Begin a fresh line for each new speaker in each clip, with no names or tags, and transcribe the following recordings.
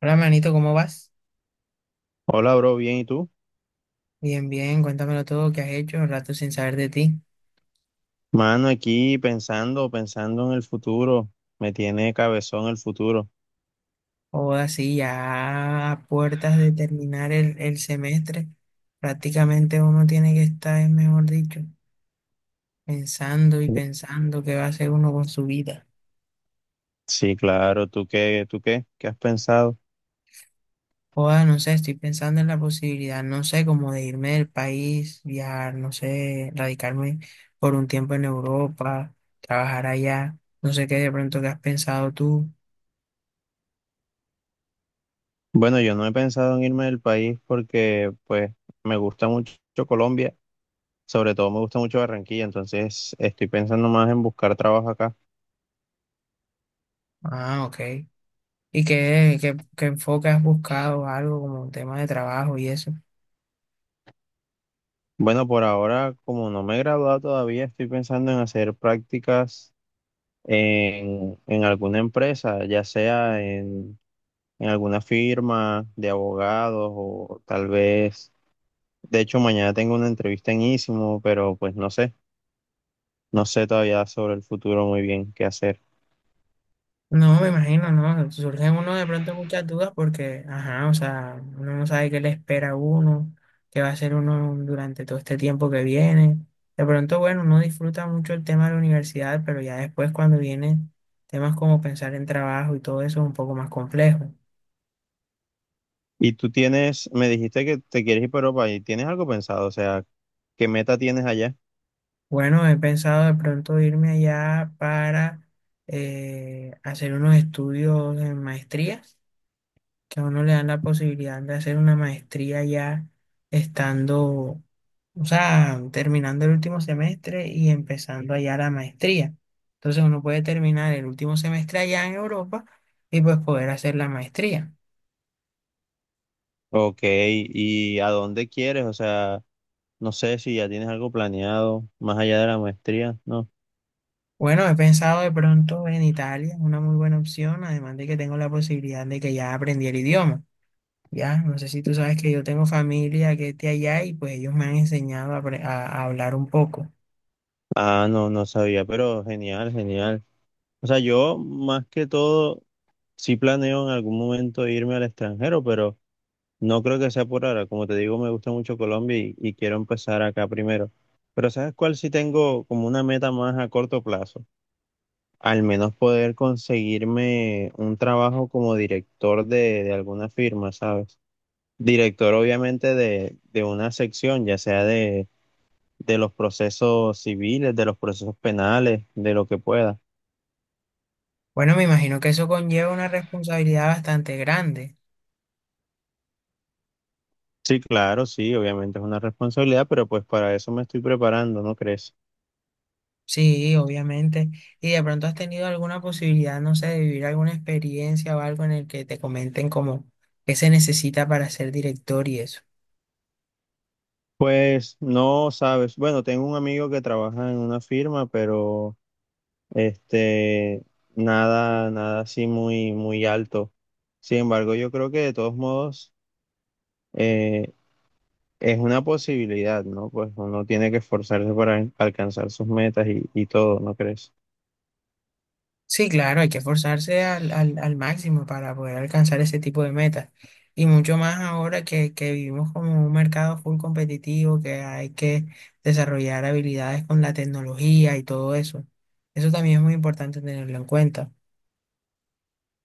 Hola, manito, ¿cómo vas?
Hola, bro, bien, ¿y tú?
Bien, bien, cuéntamelo todo, ¿qué has hecho? Un rato sin saber de ti.
Mano, aquí pensando en el futuro. Me tiene cabezón el futuro.
O así, ya a puertas de terminar el semestre, prácticamente uno tiene que estar, mejor dicho, pensando y pensando qué va a hacer uno con su vida.
Sí, claro, ¿tú qué? ¿Qué has pensado?
Joda, no sé, estoy pensando en la posibilidad, no sé, como de irme del país, viajar, no sé, radicarme por un tiempo en Europa, trabajar allá, no sé qué de pronto que has pensado tú.
Bueno, yo no he pensado en irme del país porque, pues, me gusta mucho Colombia, sobre todo me gusta mucho Barranquilla, entonces estoy pensando más en buscar trabajo acá.
Ah, ok. ¿Y qué enfoque has buscado? Algo como un tema de trabajo y eso.
Bueno, por ahora, como no me he graduado todavía, estoy pensando en hacer prácticas en alguna empresa, ya sea en alguna firma de abogados o tal vez, de hecho mañana tengo una entrevista en Ísimo, pero pues no sé, no sé todavía sobre el futuro muy bien qué hacer.
No, me imagino, ¿no? Surgen uno de pronto muchas dudas porque, ajá, o sea, uno no sabe qué le espera a uno, qué va a hacer uno durante todo este tiempo que viene. De pronto, bueno, uno disfruta mucho el tema de la universidad, pero ya después cuando vienen temas como pensar en trabajo y todo eso es un poco más complejo.
Y tú tienes, me dijiste que te quieres ir para Europa y tienes algo pensado, o sea, ¿qué meta tienes allá?
Bueno, he pensado de pronto irme allá para hacer unos estudios en maestrías que a uno le dan la posibilidad de hacer una maestría ya estando, o sea, terminando el último semestre y empezando allá la maestría. Entonces uno puede terminar el último semestre allá en Europa y pues poder hacer la maestría.
Ok, ¿y a dónde quieres? O sea, no sé si ya tienes algo planeado más allá de la maestría, ¿no?
Bueno, he pensado de pronto en Italia, es una muy buena opción, además de que tengo la posibilidad de que ya aprendí el idioma. Ya, no sé si tú sabes que yo tengo familia que es de allá y pues ellos me han enseñado a, a hablar un poco.
Ah, no, no sabía, pero genial, genial. O sea, yo más que todo sí planeo en algún momento irme al extranjero, pero no creo que sea por ahora. Como te digo, me gusta mucho Colombia y quiero empezar acá primero. Pero ¿sabes cuál? Si tengo como una meta más a corto plazo. Al menos poder conseguirme un trabajo como director de alguna firma, ¿sabes? Director obviamente de una sección, ya sea de los procesos civiles, de los procesos penales, de lo que pueda.
Bueno, me imagino que eso conlleva una responsabilidad bastante grande.
Sí, claro, sí, obviamente es una responsabilidad, pero pues para eso me estoy preparando, ¿no crees?
Sí, obviamente. Y de pronto has tenido alguna posibilidad, no sé, de vivir alguna experiencia o algo en el que te comenten como qué se necesita para ser director y eso.
Pues no sabes. Bueno, tengo un amigo que trabaja en una firma, pero este nada, nada así muy, muy alto. Sin embargo, yo creo que de todos modos eh, es una posibilidad, ¿no? Pues uno tiene que esforzarse para alcanzar sus metas y todo, ¿no crees?
Sí, claro, hay que esforzarse al máximo para poder alcanzar ese tipo de metas. Y mucho más ahora que vivimos como un mercado full competitivo, que hay que desarrollar habilidades con la tecnología y todo eso. Eso también es muy importante tenerlo en cuenta.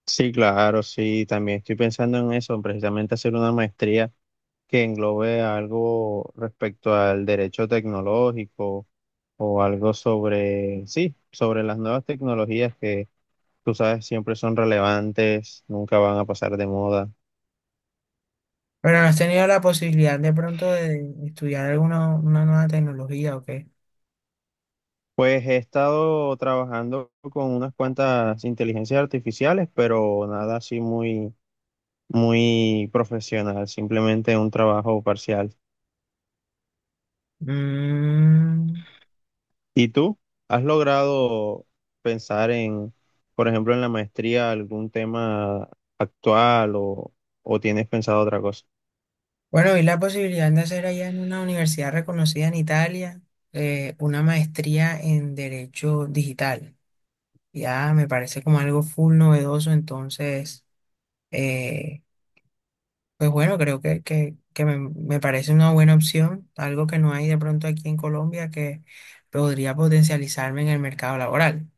Sí, claro, sí, también estoy pensando en eso, precisamente hacer una maestría que englobe algo respecto al derecho tecnológico o algo sobre, sí, sobre las nuevas tecnologías que tú sabes siempre son relevantes, nunca van a pasar de moda.
Pero no has tenido la posibilidad de pronto de estudiar alguna una nueva tecnología o qué.
Pues he estado trabajando con unas cuantas inteligencias artificiales, pero nada así muy, muy profesional, simplemente un trabajo parcial.
Mm.
¿Y tú has logrado pensar en, por ejemplo, en la maestría algún tema actual o tienes pensado otra cosa?
Bueno, vi la posibilidad de hacer allá en una universidad reconocida en Italia una maestría en Derecho Digital. Ya me parece como algo full novedoso, entonces, eh, pues bueno, creo que me parece una buena opción, algo que no hay de pronto aquí en Colombia que podría potencializarme en el mercado laboral.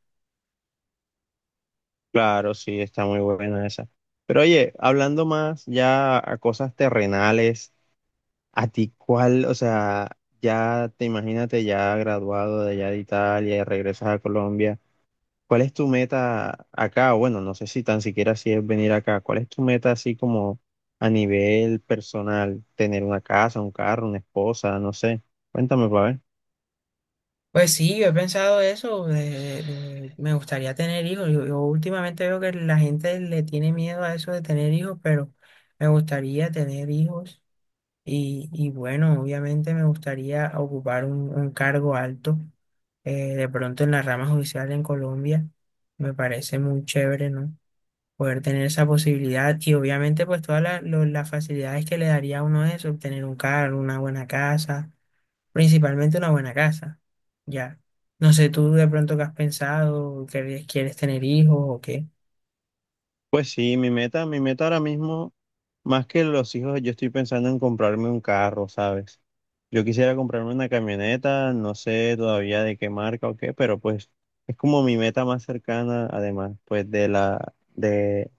Claro, sí, está muy buena esa. Pero oye, hablando más ya a cosas terrenales, ¿a ti cuál, o sea, ya te imagínate ya graduado de allá de Italia y regresas a Colombia, ¿cuál es tu meta acá? O bueno, no sé si tan siquiera si es venir acá, ¿cuál es tu meta así como a nivel personal? ¿Tener una casa, un carro, una esposa? No sé. Cuéntame, para ver.
Pues sí, yo he pensado eso, me gustaría tener hijos. Yo últimamente veo que la gente le tiene miedo a eso de tener hijos, pero me gustaría tener hijos y bueno, obviamente me gustaría ocupar un cargo alto, de pronto en la rama judicial en Colombia. Me parece muy chévere, ¿no? Poder tener esa posibilidad y obviamente pues todas las facilidades que le daría a uno eso, obtener un cargo, una buena casa. Principalmente una buena casa, ya. No sé tú de pronto qué has pensado, que quieres tener hijos o qué.
Pues sí, mi meta ahora mismo, más que los hijos, yo estoy pensando en comprarme un carro, ¿sabes? Yo quisiera comprarme una camioneta, no sé todavía de qué marca o qué, pero pues es como mi meta más cercana, además, pues de la, de,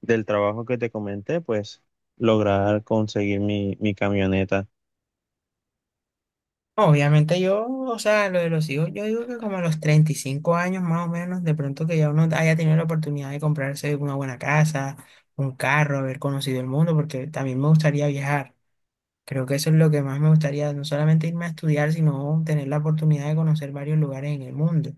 del trabajo que te comenté, pues lograr conseguir mi camioneta.
Obviamente yo, o sea, lo de los hijos, yo digo que como a los 35 años más o menos, de pronto que ya uno haya tenido la oportunidad de comprarse una buena casa, un carro, haber conocido el mundo, porque también me gustaría viajar. Creo que eso es lo que más me gustaría, no solamente irme a estudiar, sino tener la oportunidad de conocer varios lugares en el mundo.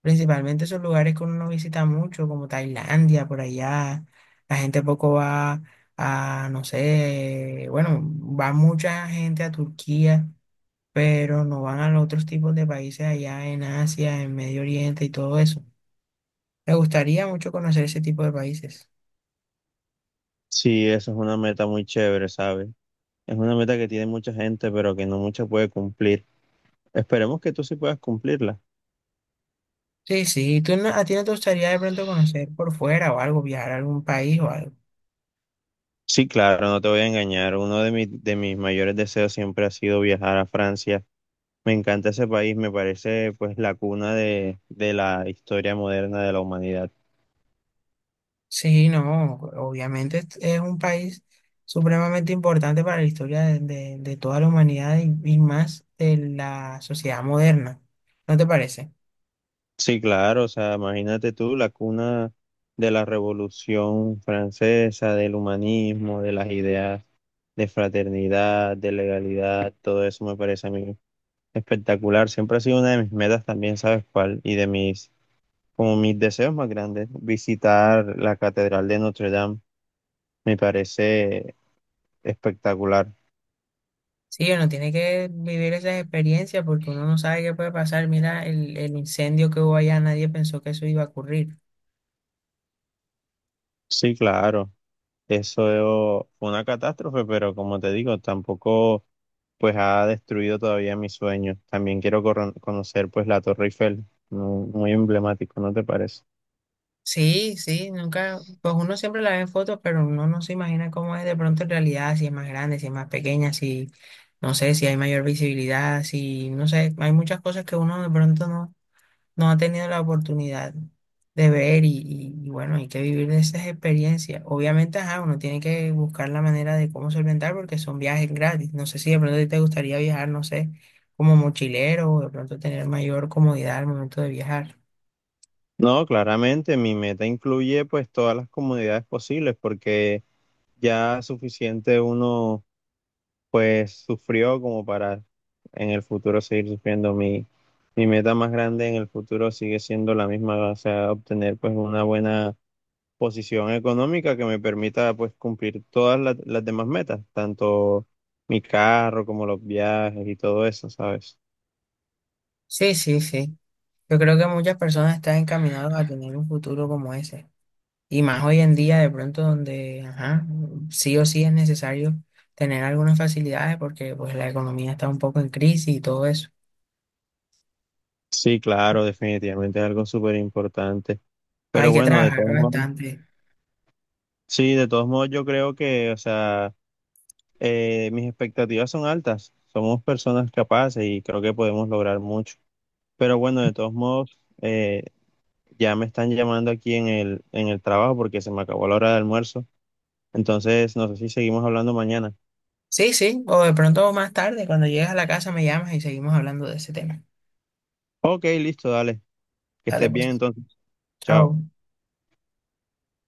Principalmente esos lugares que uno no visita mucho, como Tailandia, por allá. La gente poco va a, no sé, bueno, va mucha gente a Turquía, pero no van a los otros tipos de países allá en Asia, en Medio Oriente y todo eso. Me gustaría mucho conocer ese tipo de países.
Sí, eso es una meta muy chévere, ¿sabes? Es una meta que tiene mucha gente, pero que no mucha puede cumplir. Esperemos que tú sí puedas cumplirla.
Sí, sí, ¿tú a ti no te gustaría de pronto conocer por fuera o algo, viajar a algún país o algo?
Sí, claro, no te voy a engañar. Uno de mis mayores deseos siempre ha sido viajar a Francia. Me encanta ese país, me parece pues la cuna de la historia moderna de la humanidad.
Sí, no, obviamente es un país supremamente importante para la historia de, de toda la humanidad y más de la sociedad moderna, ¿no te parece?
Sí, claro, o sea, imagínate tú, la cuna de la Revolución Francesa, del humanismo, de las ideas de fraternidad, de legalidad, todo eso me parece a mí espectacular. Siempre ha sido una de mis metas también, ¿sabes cuál? Y de mis, como mis deseos más grandes, visitar la Catedral de Notre Dame. Me parece espectacular.
Sí, uno tiene que vivir esas experiencias porque uno no sabe qué puede pasar. Mira, el incendio que hubo allá, nadie pensó que eso iba a ocurrir.
Sí, claro. Eso fue una catástrofe, pero como te digo, tampoco pues ha destruido todavía mis sueños. También quiero conocer pues la Torre Eiffel, muy emblemático, ¿no te parece?
Sí, sí, nunca, pues uno siempre la ve en fotos, pero uno no se imagina cómo es de pronto en realidad, si es más grande, si es más pequeña, si... No sé si hay mayor visibilidad, si no sé, hay muchas cosas que uno de pronto no, no ha tenido la oportunidad de ver y, y bueno, hay que vivir de esas experiencias. Obviamente, ajá, uno tiene que buscar la manera de cómo solventar porque son viajes gratis. No sé si de pronto a ti te gustaría viajar, no sé, como mochilero o de pronto tener mayor comodidad al momento de viajar.
No, claramente mi meta incluye pues todas las comodidades posibles porque ya es suficiente uno pues sufrió como para en el futuro seguir sufriendo. Mi meta más grande en el futuro sigue siendo la misma, o sea, obtener pues una buena posición económica que me permita pues cumplir todas las demás metas, tanto mi carro como los viajes y todo eso, ¿sabes?
Sí, sí, sí. Yo creo que muchas personas están encaminadas a tener un futuro como ese. Y más hoy en día, de pronto, donde, ajá, sí o sí es necesario tener algunas facilidades porque pues la economía está un poco en crisis y todo eso.
Sí, claro, definitivamente es algo súper importante.
Hay
Pero
que
bueno, de
trabajar
todos modos.
bastante.
Sí, de todos modos yo creo que, o sea, mis expectativas son altas. Somos personas capaces y creo que podemos lograr mucho. Pero bueno, de todos modos, ya me están llamando aquí en el trabajo porque se me acabó la hora de almuerzo. Entonces, no sé si seguimos hablando mañana.
Sí, sí, o de pronto más tarde, cuando llegues a la casa me llamas y seguimos hablando de ese tema.
Ok, listo, dale. Que
Dale
estés bien
pues,
entonces. Chao.
chao.